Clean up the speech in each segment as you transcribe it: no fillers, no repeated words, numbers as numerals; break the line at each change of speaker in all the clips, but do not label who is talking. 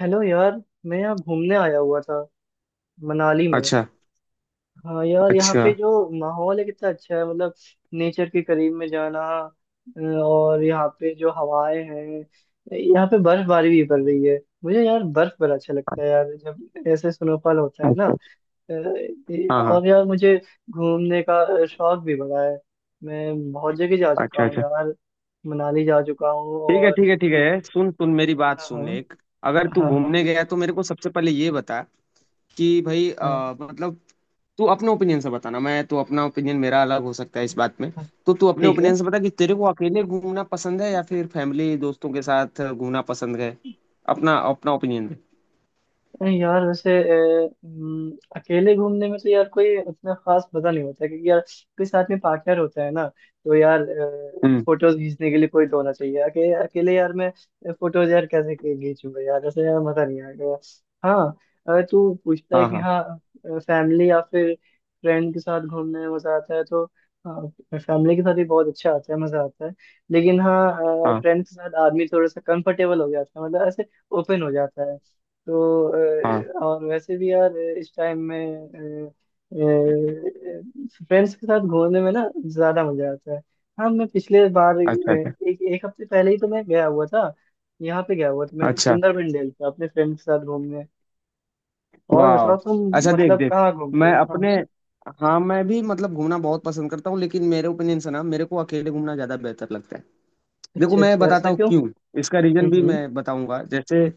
Hello यार। मैं यहाँ घूमने आया हुआ था मनाली में।
अच्छा।
हाँ यार, यहाँ
अच्छा।
पे जो माहौल है कितना अच्छा है। मतलब नेचर के करीब में जाना। और यहाँ पे जो हवाएं हैं, यहाँ पे बर्फबारी भी पड़ रही है। मुझे यार बर्फ बड़ा अच्छा लगता है यार, जब ऐसे स्नोफॉल होता है ना।
अच्छा। हाँ हाँ।
और यार मुझे घूमने का शौक भी बड़ा है। मैं बहुत जगह जा चुका
अच्छा
हूँ
अच्छा।
यार, मनाली जा चुका हूँ
ठीक है,
और
ठीक है, ठीक है। सुन सुन मेरी बात
हाँ
सुन।
हाँ।
एक, अगर तू
हाँ हाँ।
घूमने गया तो मेरे को सबसे पहले ये बता कि भाई, मतलब तू अपने ओपिनियन से बताना। मैं तो अपना ओपिनियन, मेरा अलग हो सकता है इस बात में।
हाँ,
तो तू अपने
ठीक है।
ओपिनियन से बता कि तेरे को अकेले घूमना पसंद है या फिर फैमिली दोस्तों के साथ घूमना पसंद है। अपना अपना ओपिनियन दे।
नहीं यार, वैसे अकेले घूमने में तो यार कोई उतना खास मजा नहीं होता, क्योंकि यार कोई साथ में पार्टनर होता है ना, तो यार
हम्म।
फोटोज खींचने के लिए कोई तो होना चाहिए। अकेले अकेले यार मैं फोटोज यार कैसे खींचूंगा यार? ऐसे यार मजा नहीं आएगा। हाँ, अगर तू पूछता है
हाँ
कि
हाँ।
हाँ फैमिली या फिर फ्रेंड के साथ घूमने में मजा आता है तो हाँ, फैमिली के साथ भी बहुत अच्छा आता है, मजा आता है। लेकिन हाँ,
हाँ
फ्रेंड के साथ आदमी थोड़ा सा कंफर्टेबल हो जाता है, मतलब ऐसे ओपन हो जाता है। तो
हाँ।
और वैसे भी यार इस टाइम में फ्रेंड्स के साथ घूमने में ना ज्यादा मजा आता है। हाँ, मैं पिछले बार
अच्छा अच्छा।
एक एक हफ्ते पहले ही तो मैं गया हुआ था। यहाँ पे गया हुआ था मैं
अच्छा।
सुंदरबन डेल पे अपने फ्रेंड के साथ घूमने। और
वाह।
बताओ तुम,
अच्छा, देख
मतलब
देख।
कहाँ घूमते
मैं
हो? हाँ
अपने,
हाँ।
हाँ मैं भी मतलब घूमना बहुत पसंद करता हूँ, लेकिन मेरे ओपिनियन से ना मेरे को अकेले घूमना ज्यादा बेहतर लगता है। देखो
अच्छा
मैं
अच्छा, ऐसा
बताता हूँ
क्यों?
क्यों। इसका रीजन भी
हम्म।
मैं बताऊंगा। जैसे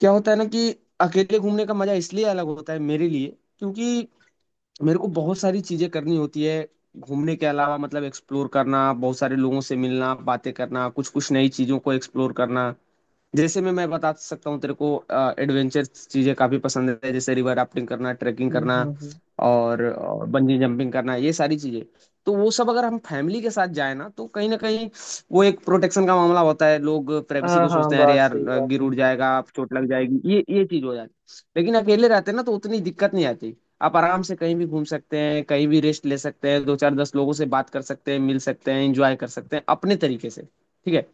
क्या होता है ना कि अकेले घूमने का मजा इसलिए अलग होता है मेरे लिए, क्योंकि मेरे को बहुत सारी चीजें करनी होती है घूमने के अलावा। मतलब एक्सप्लोर करना, बहुत सारे लोगों से मिलना, बातें करना, कुछ कुछ नई चीजों को एक्सप्लोर करना। जैसे मैं बता सकता हूँ तेरे को, एडवेंचर चीजें काफी पसंद है, जैसे रिवर राफ्टिंग करना, ट्रैकिंग करना
हम्म। हम्म।
और बंजी जंपिंग करना, ये सारी चीजें। तो वो सब अगर हम फैमिली के साथ जाए ना, तो कहीं ना कहीं वो एक प्रोटेक्शन का मामला होता है। लोग प्राइवेसी
हाँ
को
हाँ,
सोचते हैं, अरे
बात
यार
सही बात
गिर
है।
उड़ जाएगा, चोट लग जाएगी, ये चीज हो जाती है। लेकिन अकेले रहते हैं ना तो उतनी दिक्कत नहीं आती। आप आराम से कहीं भी घूम सकते हैं, कहीं भी रेस्ट ले सकते हैं, दो चार दस लोगों से बात कर सकते हैं, मिल सकते हैं, एंजॉय कर सकते हैं अपने तरीके से, ठीक है।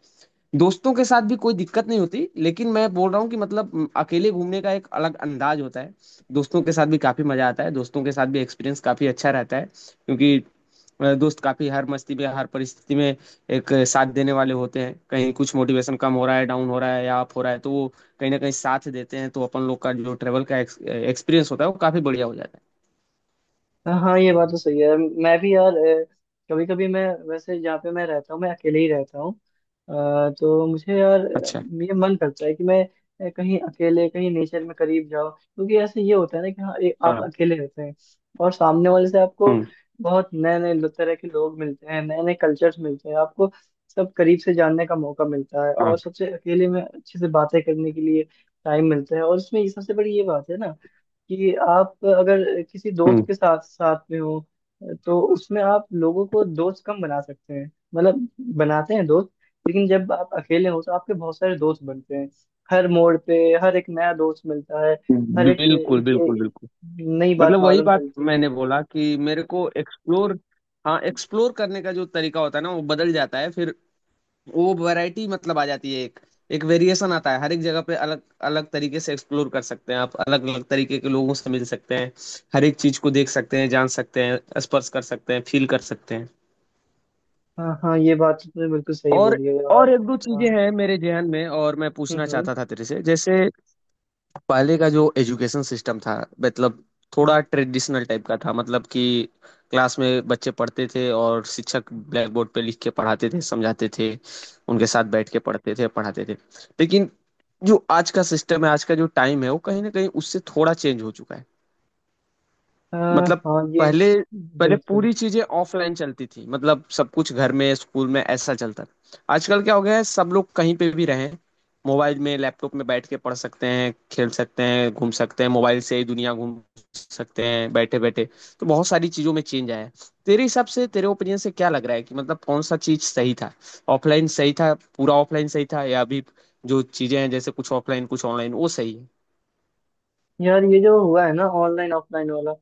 दोस्तों के साथ भी कोई दिक्कत नहीं होती, लेकिन मैं बोल रहा हूँ कि मतलब अकेले घूमने का एक अलग अंदाज होता है। दोस्तों के साथ भी काफी मजा आता है, दोस्तों के साथ भी एक्सपीरियंस काफी अच्छा रहता है, क्योंकि दोस्त काफी हर मस्ती में, हर परिस्थिति में एक साथ देने वाले होते हैं। कहीं कुछ मोटिवेशन कम हो रहा है, डाउन हो रहा है या अप हो रहा है, तो वो कहीं ना कहीं साथ देते हैं। तो अपन लोग का जो ट्रेवल का एक्सपीरियंस होता है वो काफी बढ़िया हो जाता है।
हाँ हाँ, ये बात तो सही है, मैं भी यार कभी कभी मैं, वैसे जहाँ पे मैं रहता हूँ मैं अकेले ही रहता हूँ। तो मुझे यार
अच्छा।
ये मन करता है कि मैं कहीं अकेले कहीं नेचर में करीब जाओ, क्योंकि ऐसे ये होता है ना कि हाँ, आप
हाँ।
अकेले रहते हैं और सामने वाले से आपको
हम्म।
बहुत नए नए तरह के लोग मिलते हैं, नए नए कल्चर्स मिलते हैं आपको। सब करीब से जानने का मौका मिलता है, और
हाँ।
सबसे अकेले में अच्छे से बातें करने के लिए टाइम मिलता है। और इसमें ये सबसे बड़ी ये बात है ना, कि आप अगर किसी दोस्त
हम्म।
के साथ साथ में हो, तो उसमें आप लोगों को दोस्त कम बना सकते हैं, मतलब बनाते हैं दोस्त। लेकिन जब आप अकेले हो तो आपके बहुत सारे दोस्त बनते हैं, हर मोड़ पे हर एक नया दोस्त मिलता है। हर एक,
बिल्कुल
एक,
बिल्कुल
एक
बिल्कुल।
नई बात
मतलब वही
मालूम
बात।
चलती है।
मैंने बोला कि मेरे को एक्सप्लोर, हाँ एक्सप्लोर करने का जो तरीका होता है ना वो बदल जाता है फिर। वो वैरायटी मतलब आ जाती है। एक एक वेरिएशन आता है। हर एक जगह पे अलग अलग तरीके से एक्सप्लोर कर सकते हैं आप। अलग अलग तरीके के लोगों से मिल सकते हैं, हर एक चीज को देख सकते हैं, जान सकते हैं, स्पर्श कर सकते हैं, फील कर सकते हैं।
हाँ हाँ, ये बात तुमने बिल्कुल सही
और
बोली है
और
यार।
एक दो
हाँ।
चीजें हैं मेरे जहन में और मैं पूछना
हम्म।
चाहता था तेरे से। जैसे पहले का जो एजुकेशन सिस्टम था, मतलब
हम्म,
थोड़ा ट्रेडिशनल टाइप का था। मतलब कि क्लास में बच्चे पढ़ते थे और शिक्षक ब्लैक बोर्ड पे लिख के पढ़ाते थे, समझाते थे, उनके साथ बैठ के पढ़ते थे, पढ़ाते थे। लेकिन जो आज का सिस्टम है, आज का जो टाइम है, वो कहीं ना कहीं उससे थोड़ा चेंज हो चुका है।
हाँ
मतलब
हाँ, ये
पहले पहले
बिल्कुल।
पूरी चीजें ऑफलाइन चलती थी। मतलब सब कुछ घर में, स्कूल में ऐसा चलता था। आजकल क्या हो गया है, सब लोग कहीं पे भी रहें, मोबाइल में लैपटॉप में बैठ के पढ़ सकते हैं, खेल सकते हैं, घूम सकते हैं, मोबाइल से ही दुनिया घूम सकते हैं बैठे बैठे। तो बहुत सारी चीजों में चेंज आया है। तेरे हिसाब से, तेरे ओपिनियन से क्या लग रहा है कि मतलब कौन सा चीज सही था? ऑफलाइन सही था, पूरा ऑफलाइन सही था, या अभी जो चीजें हैं जैसे कुछ ऑफलाइन कुछ ऑनलाइन वो सही है?
यार ये जो हुआ है ना, ऑनलाइन ऑफलाइन वाला,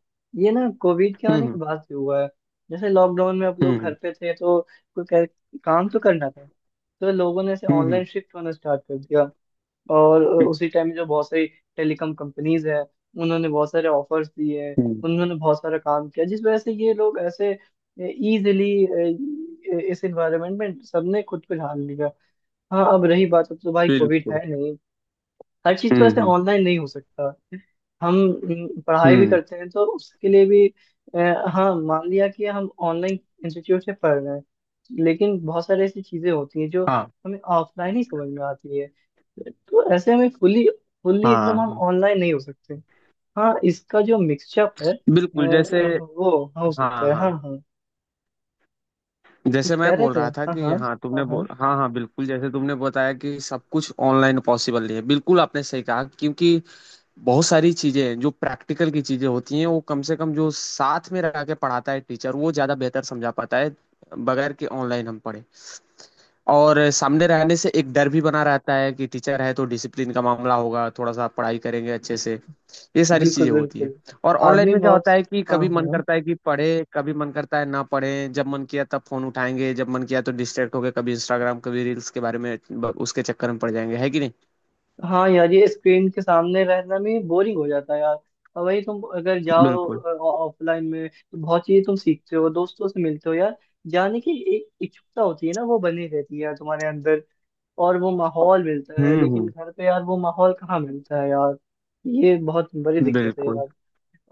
ये ना कोविड के आने के
हम्म
बाद से हुआ है। जैसे लॉकडाउन में आप
हम्म।
लोग घर पे थे, तो काम तो करना था, तो लोगों ने ऐसे
हम्म।
ऑनलाइन शिफ्ट होना स्टार्ट कर दिया। और
हम्म,
उसी टाइम जो बहुत सारी टेलीकॉम कंपनीज है, उन्होंने बहुत सारे ऑफर्स दिए हैं,
हम्म,
उन्होंने बहुत सारा काम किया, जिस वजह से ये लोग ऐसे इजीली इस एनवायरनमेंट में सबने खुद को ढाल लिया। हाँ, अब रही बात, अब तो भाई कोविड
बिल्कुल।
है नहीं, हर चीज तो ऐसे
हम्म।
ऑनलाइन नहीं हो सकता। हम पढ़ाई भी
हम्म,
करते हैं तो उसके लिए भी हाँ, मान लिया कि हम ऑनलाइन इंस्टीट्यूट से पढ़ रहे हैं, लेकिन बहुत सारी ऐसी चीजें होती हैं जो
हाँ
हमें ऑफलाइन ही समझ में आती है। तो ऐसे हमें फुल्ली फुल्ली
हाँ।
एकदम हम ऑनलाइन नहीं हो सकते। हाँ, इसका जो मिक्सचअप है
बिल्कुल। जैसे
वो हो
हाँ
सकता है।
हाँ,
हाँ हाँ,
जैसे
कुछ
मैं
कह रहे
बोल
थे?
रहा था
हाँ हाँ।
कि हाँ
हाँ
तुमने
हाँ,
बोल, हाँ हाँ बिल्कुल, जैसे तुमने बताया कि सब कुछ ऑनलाइन पॉसिबल नहीं है, बिल्कुल आपने सही कहा, क्योंकि बहुत सारी चीजें हैं जो प्रैक्टिकल की चीजें होती हैं, वो कम से कम जो साथ में रह के पढ़ाता है टीचर वो ज्यादा बेहतर समझा पाता है बगैर कि ऑनलाइन हम पढ़े। और सामने रहने से एक डर भी बना रहता है कि टीचर है तो डिसिप्लिन का मामला होगा, थोड़ा सा पढ़ाई करेंगे अच्छे से, ये सारी चीजें
बिल्कुल
होती है।
बिल्कुल।
और ऑनलाइन
आदमी
में क्या
बहुत,
होता है कि
हाँ
कभी मन
हाँ,
करता है कि पढ़े, कभी मन करता है ना पढ़े, जब मन किया तब फोन उठाएंगे, जब मन किया तो डिस्ट्रैक्ट होके कभी इंस्टाग्राम कभी रील्स के बारे में उसके चक्कर में पड़ जाएंगे, है कि नहीं?
हाँ यार ये स्क्रीन के सामने रहना भी बोरिंग हो जाता है यार। और वही तुम अगर जाओ
बिल्कुल।
ऑफलाइन में, तो बहुत चीजें तुम सीखते हो, दोस्तों से मिलते हो यार। जाने की एक इच्छुकता होती है ना, वो बनी रहती है यार तुम्हारे अंदर, और वो माहौल मिलता है। लेकिन
हम्म।
घर पे यार वो माहौल कहाँ मिलता है यार? ये बहुत बड़ी दिक्कत है
बिल्कुल
यार।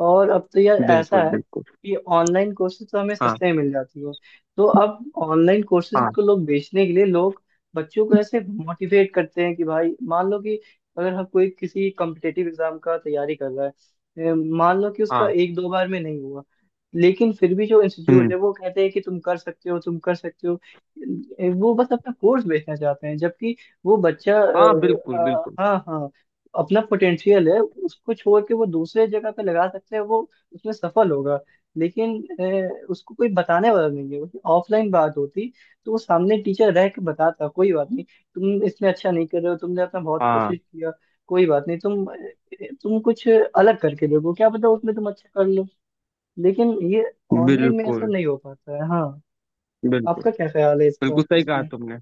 और अब तो यार ऐसा
बिल्कुल
है
बिल्कुल।
कि ऑनलाइन कोर्सेज तो हमें
हाँ
सस्ते में मिल जाती है, तो अब ऑनलाइन कोर्सेज
हाँ।
को लोग बेचने के लिए लोग बच्चों को ऐसे मोटिवेट करते हैं कि भाई मान लो कि अगर हम कोई किसी कॉम्पिटेटिव एग्जाम का तैयारी कर रहा है, मान लो कि उसका
हाँ।
एक दो बार में नहीं हुआ, लेकिन फिर भी जो इंस्टीट्यूट
हम्म।
है वो कहते हैं कि तुम कर सकते हो, तुम कर सकते हो। वो बस अपना कोर्स बेचना चाहते हैं, जबकि वो बच्चा
हाँ। बिल्कुल बिल्कुल।
हाँ हाँ, अपना पोटेंशियल है उसको छोड़ के वो दूसरे जगह पे लगा सकते हैं, वो उसमें सफल होगा। लेकिन उसको कोई बताने वाला नहीं है। ऑफलाइन बात होती, तो वो सामने टीचर रह के बताता, कोई बात नहीं, तुम इसमें अच्छा नहीं कर रहे हो, तुमने अपना बहुत
हाँ।
कोशिश किया, कोई बात नहीं, तुम कुछ अलग करके देखो, क्या पता उसमें तुम अच्छा कर लो। लेकिन ये ऑनलाइन में ऐसा
बिल्कुल
नहीं हो पाता है। हाँ,
बिल्कुल
आपका क्या ख्याल है इसका,
बिल्कुल सही कहा
इसमें?
तुमने।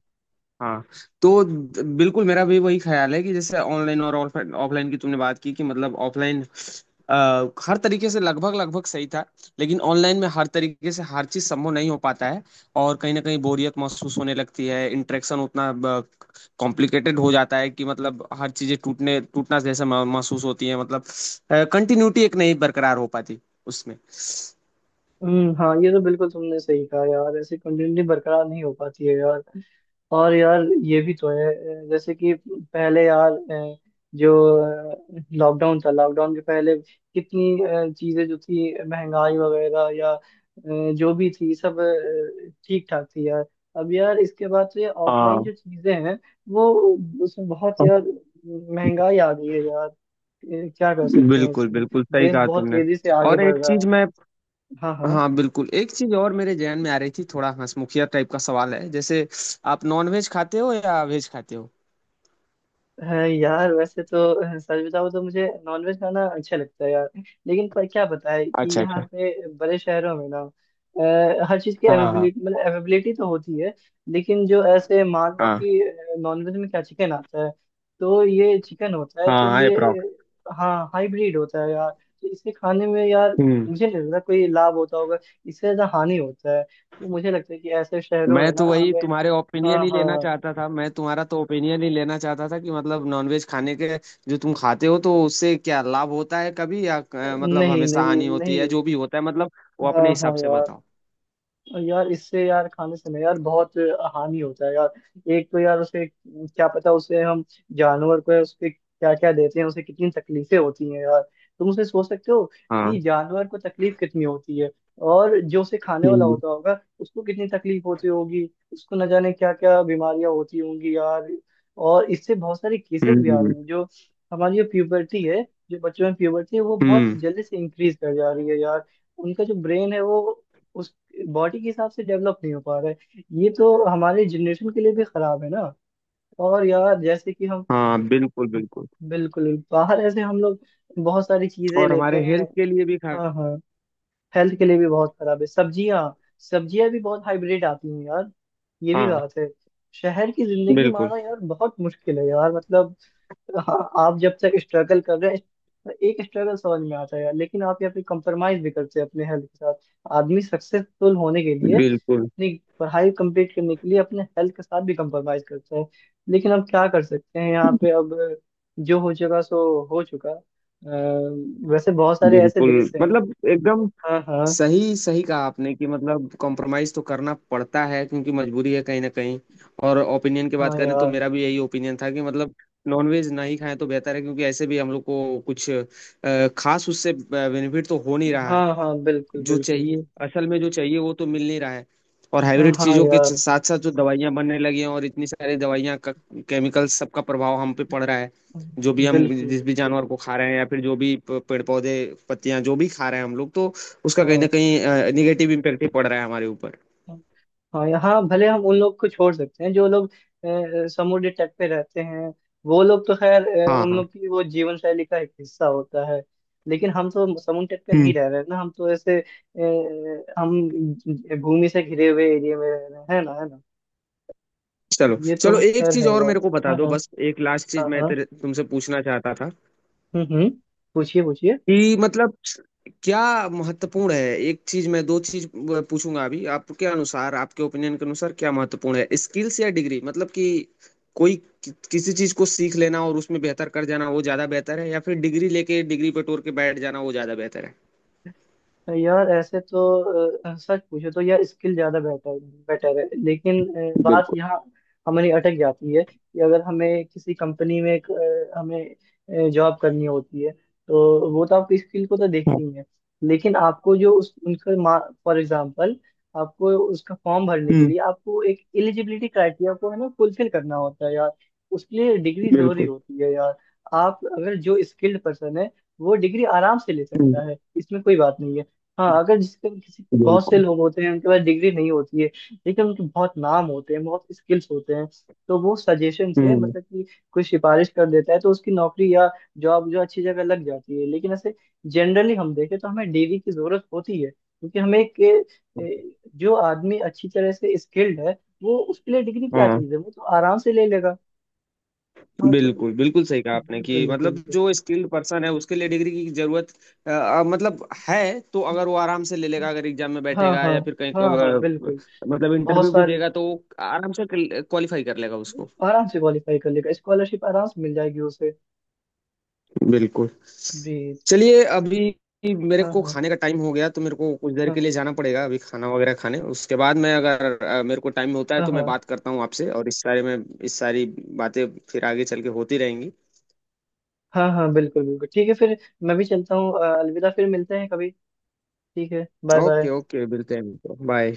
हाँ। तो बिल्कुल मेरा भी वही ख्याल है कि जैसे ऑनलाइन और ऑफलाइन की तुमने बात की कि मतलब ऑफलाइन हर तरीके से लगभग लगभग सही था, लेकिन ऑनलाइन में हर तरीके से हर चीज संभव नहीं हो पाता है। और कहीं ना कहीं बोरियत महसूस होने लगती है, इंटरेक्शन उतना कॉम्प्लिकेटेड हो जाता है कि मतलब हर चीजें टूटने महसूस होती है। मतलब कंटिन्यूटी एक नहीं बरकरार हो पाती उसमें।
हाँ, ये तो बिल्कुल तुमने सही कहा यार, ऐसे कंटिन्यूटी बरकरार नहीं हो पाती है यार। और यार ये भी तो है, जैसे कि पहले यार जो लॉकडाउन था, लॉकडाउन के पहले कितनी चीजें जो थी, महंगाई वगैरह या जो भी थी, सब ठीक ठाक थी यार। अब यार इसके बाद से ऑफलाइन
हाँ
जो चीजें हैं, वो उसमें बहुत यार महंगाई आ गई है यार। क्या कर सकते हैं
बिल्कुल
इसमें?
बिल्कुल सही
देश
कहा
बहुत
तुमने।
तेजी से आगे
और
बढ़
एक
रहा है।
चीज मैं,
हाँ हाँ।
हाँ बिल्कुल एक चीज और मेरे जहन में आ रही थी। थोड़ा हंसमुखिया टाइप का सवाल है, जैसे आप नॉन वेज खाते हो या वेज खाते हो?
है यार, वैसे तो सच बताऊं तो मुझे नॉनवेज खाना अच्छा लगता है यार। लेकिन पर क्या बताए कि
अच्छा
यहाँ
अच्छा।
पे बड़े शहरों में ना हर चीज की
हाँ हाँ।
अवेबिलिटी, मतलब अवेबिलिटी तो होती है, लेकिन जो ऐसे मान लो
हाँ।
कि नॉनवेज में क्या चिकन आता है, तो ये चिकन होता है,
हाँ
तो
हाँ।
ये हाँ हाइब्रिड होता है यार, तो इसके खाने में यार
अप्रोक्स।
मुझे नहीं लगता कोई लाभ होता होगा। इससे ज्यादा हानि होता है, तो मुझे लगता है कि ऐसे शहरों में
मैं
ना
तो वही
हमें,
तुम्हारे ओपिनियन
हाँ
ही लेना
हाँ,
चाहता था, मैं तुम्हारा तो ओपिनियन ही लेना चाहता था कि मतलब नॉनवेज खाने के, जो तुम खाते हो, तो उससे क्या लाभ होता है कभी, या मतलब
नहीं
हमेशा
नहीं
हानि होती है,
नहीं,
जो भी होता है मतलब वो
हाँ
अपने हिसाब
हाँ
से
यार,
बताओ।
और यार इससे यार खाने से ना यार बहुत हानि होता है यार। एक तो यार उसे क्या पता, उसे हम, जानवर को उसके क्या क्या देते हैं, उसे कितनी तकलीफें होती हैं यार, तुम उसे सोच सकते हो
हाँ।
कि जानवर को तकलीफ कितनी होती है, और जो उसे खाने वाला
हम्म
होता होगा, उसको कितनी तकलीफ होती होगी, उसको न जाने क्या क्या बीमारियां होती होंगी यार। और इससे बहुत सारे केसेस भी आ रही
हम्म।
हैं, जो हमारी जो प्यूबर्टी है, जो बच्चों में प्यूबर्टी है, वो बहुत
हम्म।
जल्दी से इंक्रीज कर जा रही है यार। उनका जो ब्रेन है, वो बॉडी के हिसाब से डेवलप नहीं हो पा रहा है। ये तो हमारे जनरेशन के लिए भी खराब है ना, और यार जैसे कि हम
हाँ बिल्कुल बिल्कुल।
बिल्कुल बाहर ऐसे हम लोग बहुत सारी चीजें
और
लेते
हमारे
हैं।
हेल्थ के लिए भी खा,
हाँ हाँ, हेल्थ के लिए भी बहुत खराब है। सब्जियां, सब्जियां भी बहुत हाइब्रिड आती हैं यार, ये भी
हाँ
बात है। शहर की जिंदगी
बिल्कुल
माना यार बहुत मुश्किल है यार, मतलब हाँ, आप जब तक स्ट्रगल कर रहे हैं तो एक स्ट्रगल समझ में आता है, लेकिन आप यहाँ पे कंप्रोमाइज भी करते हैं अपने हेल्थ के साथ। आदमी सक्सेसफुल होने के लिए
बिल्कुल
अपनी पढ़ाई कंप्लीट करने के लिए अपने हेल्थ के साथ भी कंप्रोमाइज करता है। लेकिन अब क्या कर सकते हैं यहाँ पे? अब जो हो चुका सो हो चुका। वैसे बहुत सारे ऐसे
बिल्कुल।
देश हैं।
मतलब एकदम
हाँ हाँ।
सही सही कहा आपने कि मतलब कॉम्प्रोमाइज तो करना पड़ता है, क्योंकि मजबूरी है कहीं ना कहीं। और ओपिनियन की बात
हाँ
करें तो
यार।
मेरा भी यही ओपिनियन था कि मतलब नॉनवेज ना ही खाएं तो बेहतर है, क्योंकि ऐसे भी हम लोग को कुछ खास उससे बेनिफिट तो हो नहीं रहा है।
हाँ हाँ, बिल्कुल
जो
बिल्कुल
चाहिए,
बिल्कुल।
असल में जो चाहिए वो तो मिल नहीं रहा है। और हाइब्रिड
हाँ
चीजों के
यार,
साथ साथ जो दवाइयां बनने लगी हैं और इतनी सारी दवाइयां का केमिकल, सबका प्रभाव हम पे पड़ रहा है। जो भी हम,
बिल्कुल
जिस भी
बिल्कुल।
जानवर को खा रहे हैं या फिर जो भी पेड़ पौधे पत्तियां जो भी खा रहे हैं हम लोग, तो उसका कहीं ना
हाँ।
कहीं निगेटिव इम्पेक्ट ही पड़ रहा है हमारे ऊपर।
हाँ, यहाँ भले हम उन लोग को छोड़ सकते हैं, जो लोग समुद्र तट पे रहते हैं। वो लोग तो खैर
हाँ
उन
हाँ।
लोग की वो जीवन शैली का एक हिस्सा होता है। लेकिन हम तो समुद्र तट पे
हम्म।
नहीं रह रहे हैं ना, हम तो ऐसे हम भूमि से घिरे हुए एरिया में रह रहे हैं, है ना? है ना?
चलो।
ये
चलो
तो
एक
खैर
चीज
है
और
बात।
मेरे को बता
हाँ
दो,
हाँ।
बस एक लास्ट चीज
हाँ
मैं
हाँ।
तेरे तुमसे पूछना चाहता था
हम्म। पूछिए पूछिए।
कि मतलब क्या महत्वपूर्ण है। एक चीज, मैं दो चीज पूछूंगा अभी। आपके अनुसार, आपके ओपिनियन के अनुसार क्या महत्वपूर्ण है, स्किल्स या डिग्री? मतलब कि कोई किसी चीज को सीख लेना और उसमें बेहतर कर जाना वो ज्यादा बेहतर है, या फिर डिग्री लेके डिग्री पे टोर के बैठ जाना वो ज्यादा बेहतर है?
यार ऐसे तो सच पूछे तो यार स्किल ज्यादा बेटर, बेटर है। लेकिन बात
बिल्कुल।
यहाँ हमारी अटक जाती है कि अगर हमें किसी कंपनी में हमें जॉब करनी होती है, तो वो तो आपकी स्किल को तो
हाँ।
देखती ही है। लेकिन आपको जो उस उनका फॉर एग्जांपल, आपको उसका फॉर्म भरने के
हम्म।
लिए आपको एक एलिजिबिलिटी क्राइटेरिया को है ना फुलफिल करना होता है यार, उसके लिए डिग्री जरूरी
बिल्कुल।
होती है यार। आप अगर जो स्किल्ड पर्सन है, वो डिग्री आराम से ले
हम्म।
सकता है, इसमें कोई बात नहीं है। हाँ, अगर जिसके किसी बहुत से
बिल्कुल।
लोग होते हैं उनके पास डिग्री नहीं होती है, लेकिन उनके बहुत नाम होते हैं, बहुत स्किल्स होते हैं, तो वो सजेशन से
हम्म।
मतलब कि कोई सिफारिश कर देता है, तो उसकी नौकरी या जॉब जो अच्छी जगह लग जाती है। लेकिन ऐसे जनरली हम देखें तो हमें डिग्री की जरूरत होती है, क्योंकि हमें जो आदमी अच्छी तरह से स्किल्ड है, वो उसके लिए डिग्री क्या
हाँ।
चीज़ है, वो तो आराम से ले लेगा। हाँ तो,
बिल्कुल बिल्कुल सही कहा आपने
बिल्कुल
कि
बिल्कुल
मतलब
बिल्कुल।
जो स्किल्ड पर्सन है उसके लिए डिग्री की जरूरत, मतलब है तो अगर वो आराम से ले लेगा, अगर एग्जाम में
हाँ
बैठेगा
हाँ।
या फिर कहीं
हाँ हाँ, बिल्कुल।
मतलब
बहुत
इंटरव्यू भी
सारे
देगा तो वो आराम से क्वालिफाई कर लेगा उसको।
आराम से क्वालिफाई कर लेगा, स्कॉलरशिप आराम से मिल जाएगी उसे।
बिल्कुल।
जी।
चलिए, अभी मेरे
हाँ
को
हाँ।
खाने का टाइम हो गया तो मेरे को कुछ देर के
हाँ
लिए जाना पड़ेगा, अभी खाना वगैरह खाने। उसके बाद मैं अगर मेरे को टाइम होता है
हाँ।
तो मैं
हाँ
बात करता हूँ आपसे और इस बारे में। इस सारी बातें फिर आगे चल के होती रहेंगी।
हाँ, हाँ बिल्कुल बिल्कुल, ठीक है फिर, मैं भी चलता हूँ। अलविदा, फिर मिलते हैं कभी। ठीक है, बाय
ओके
बाय।
ओके, मिलते हैं, बाय।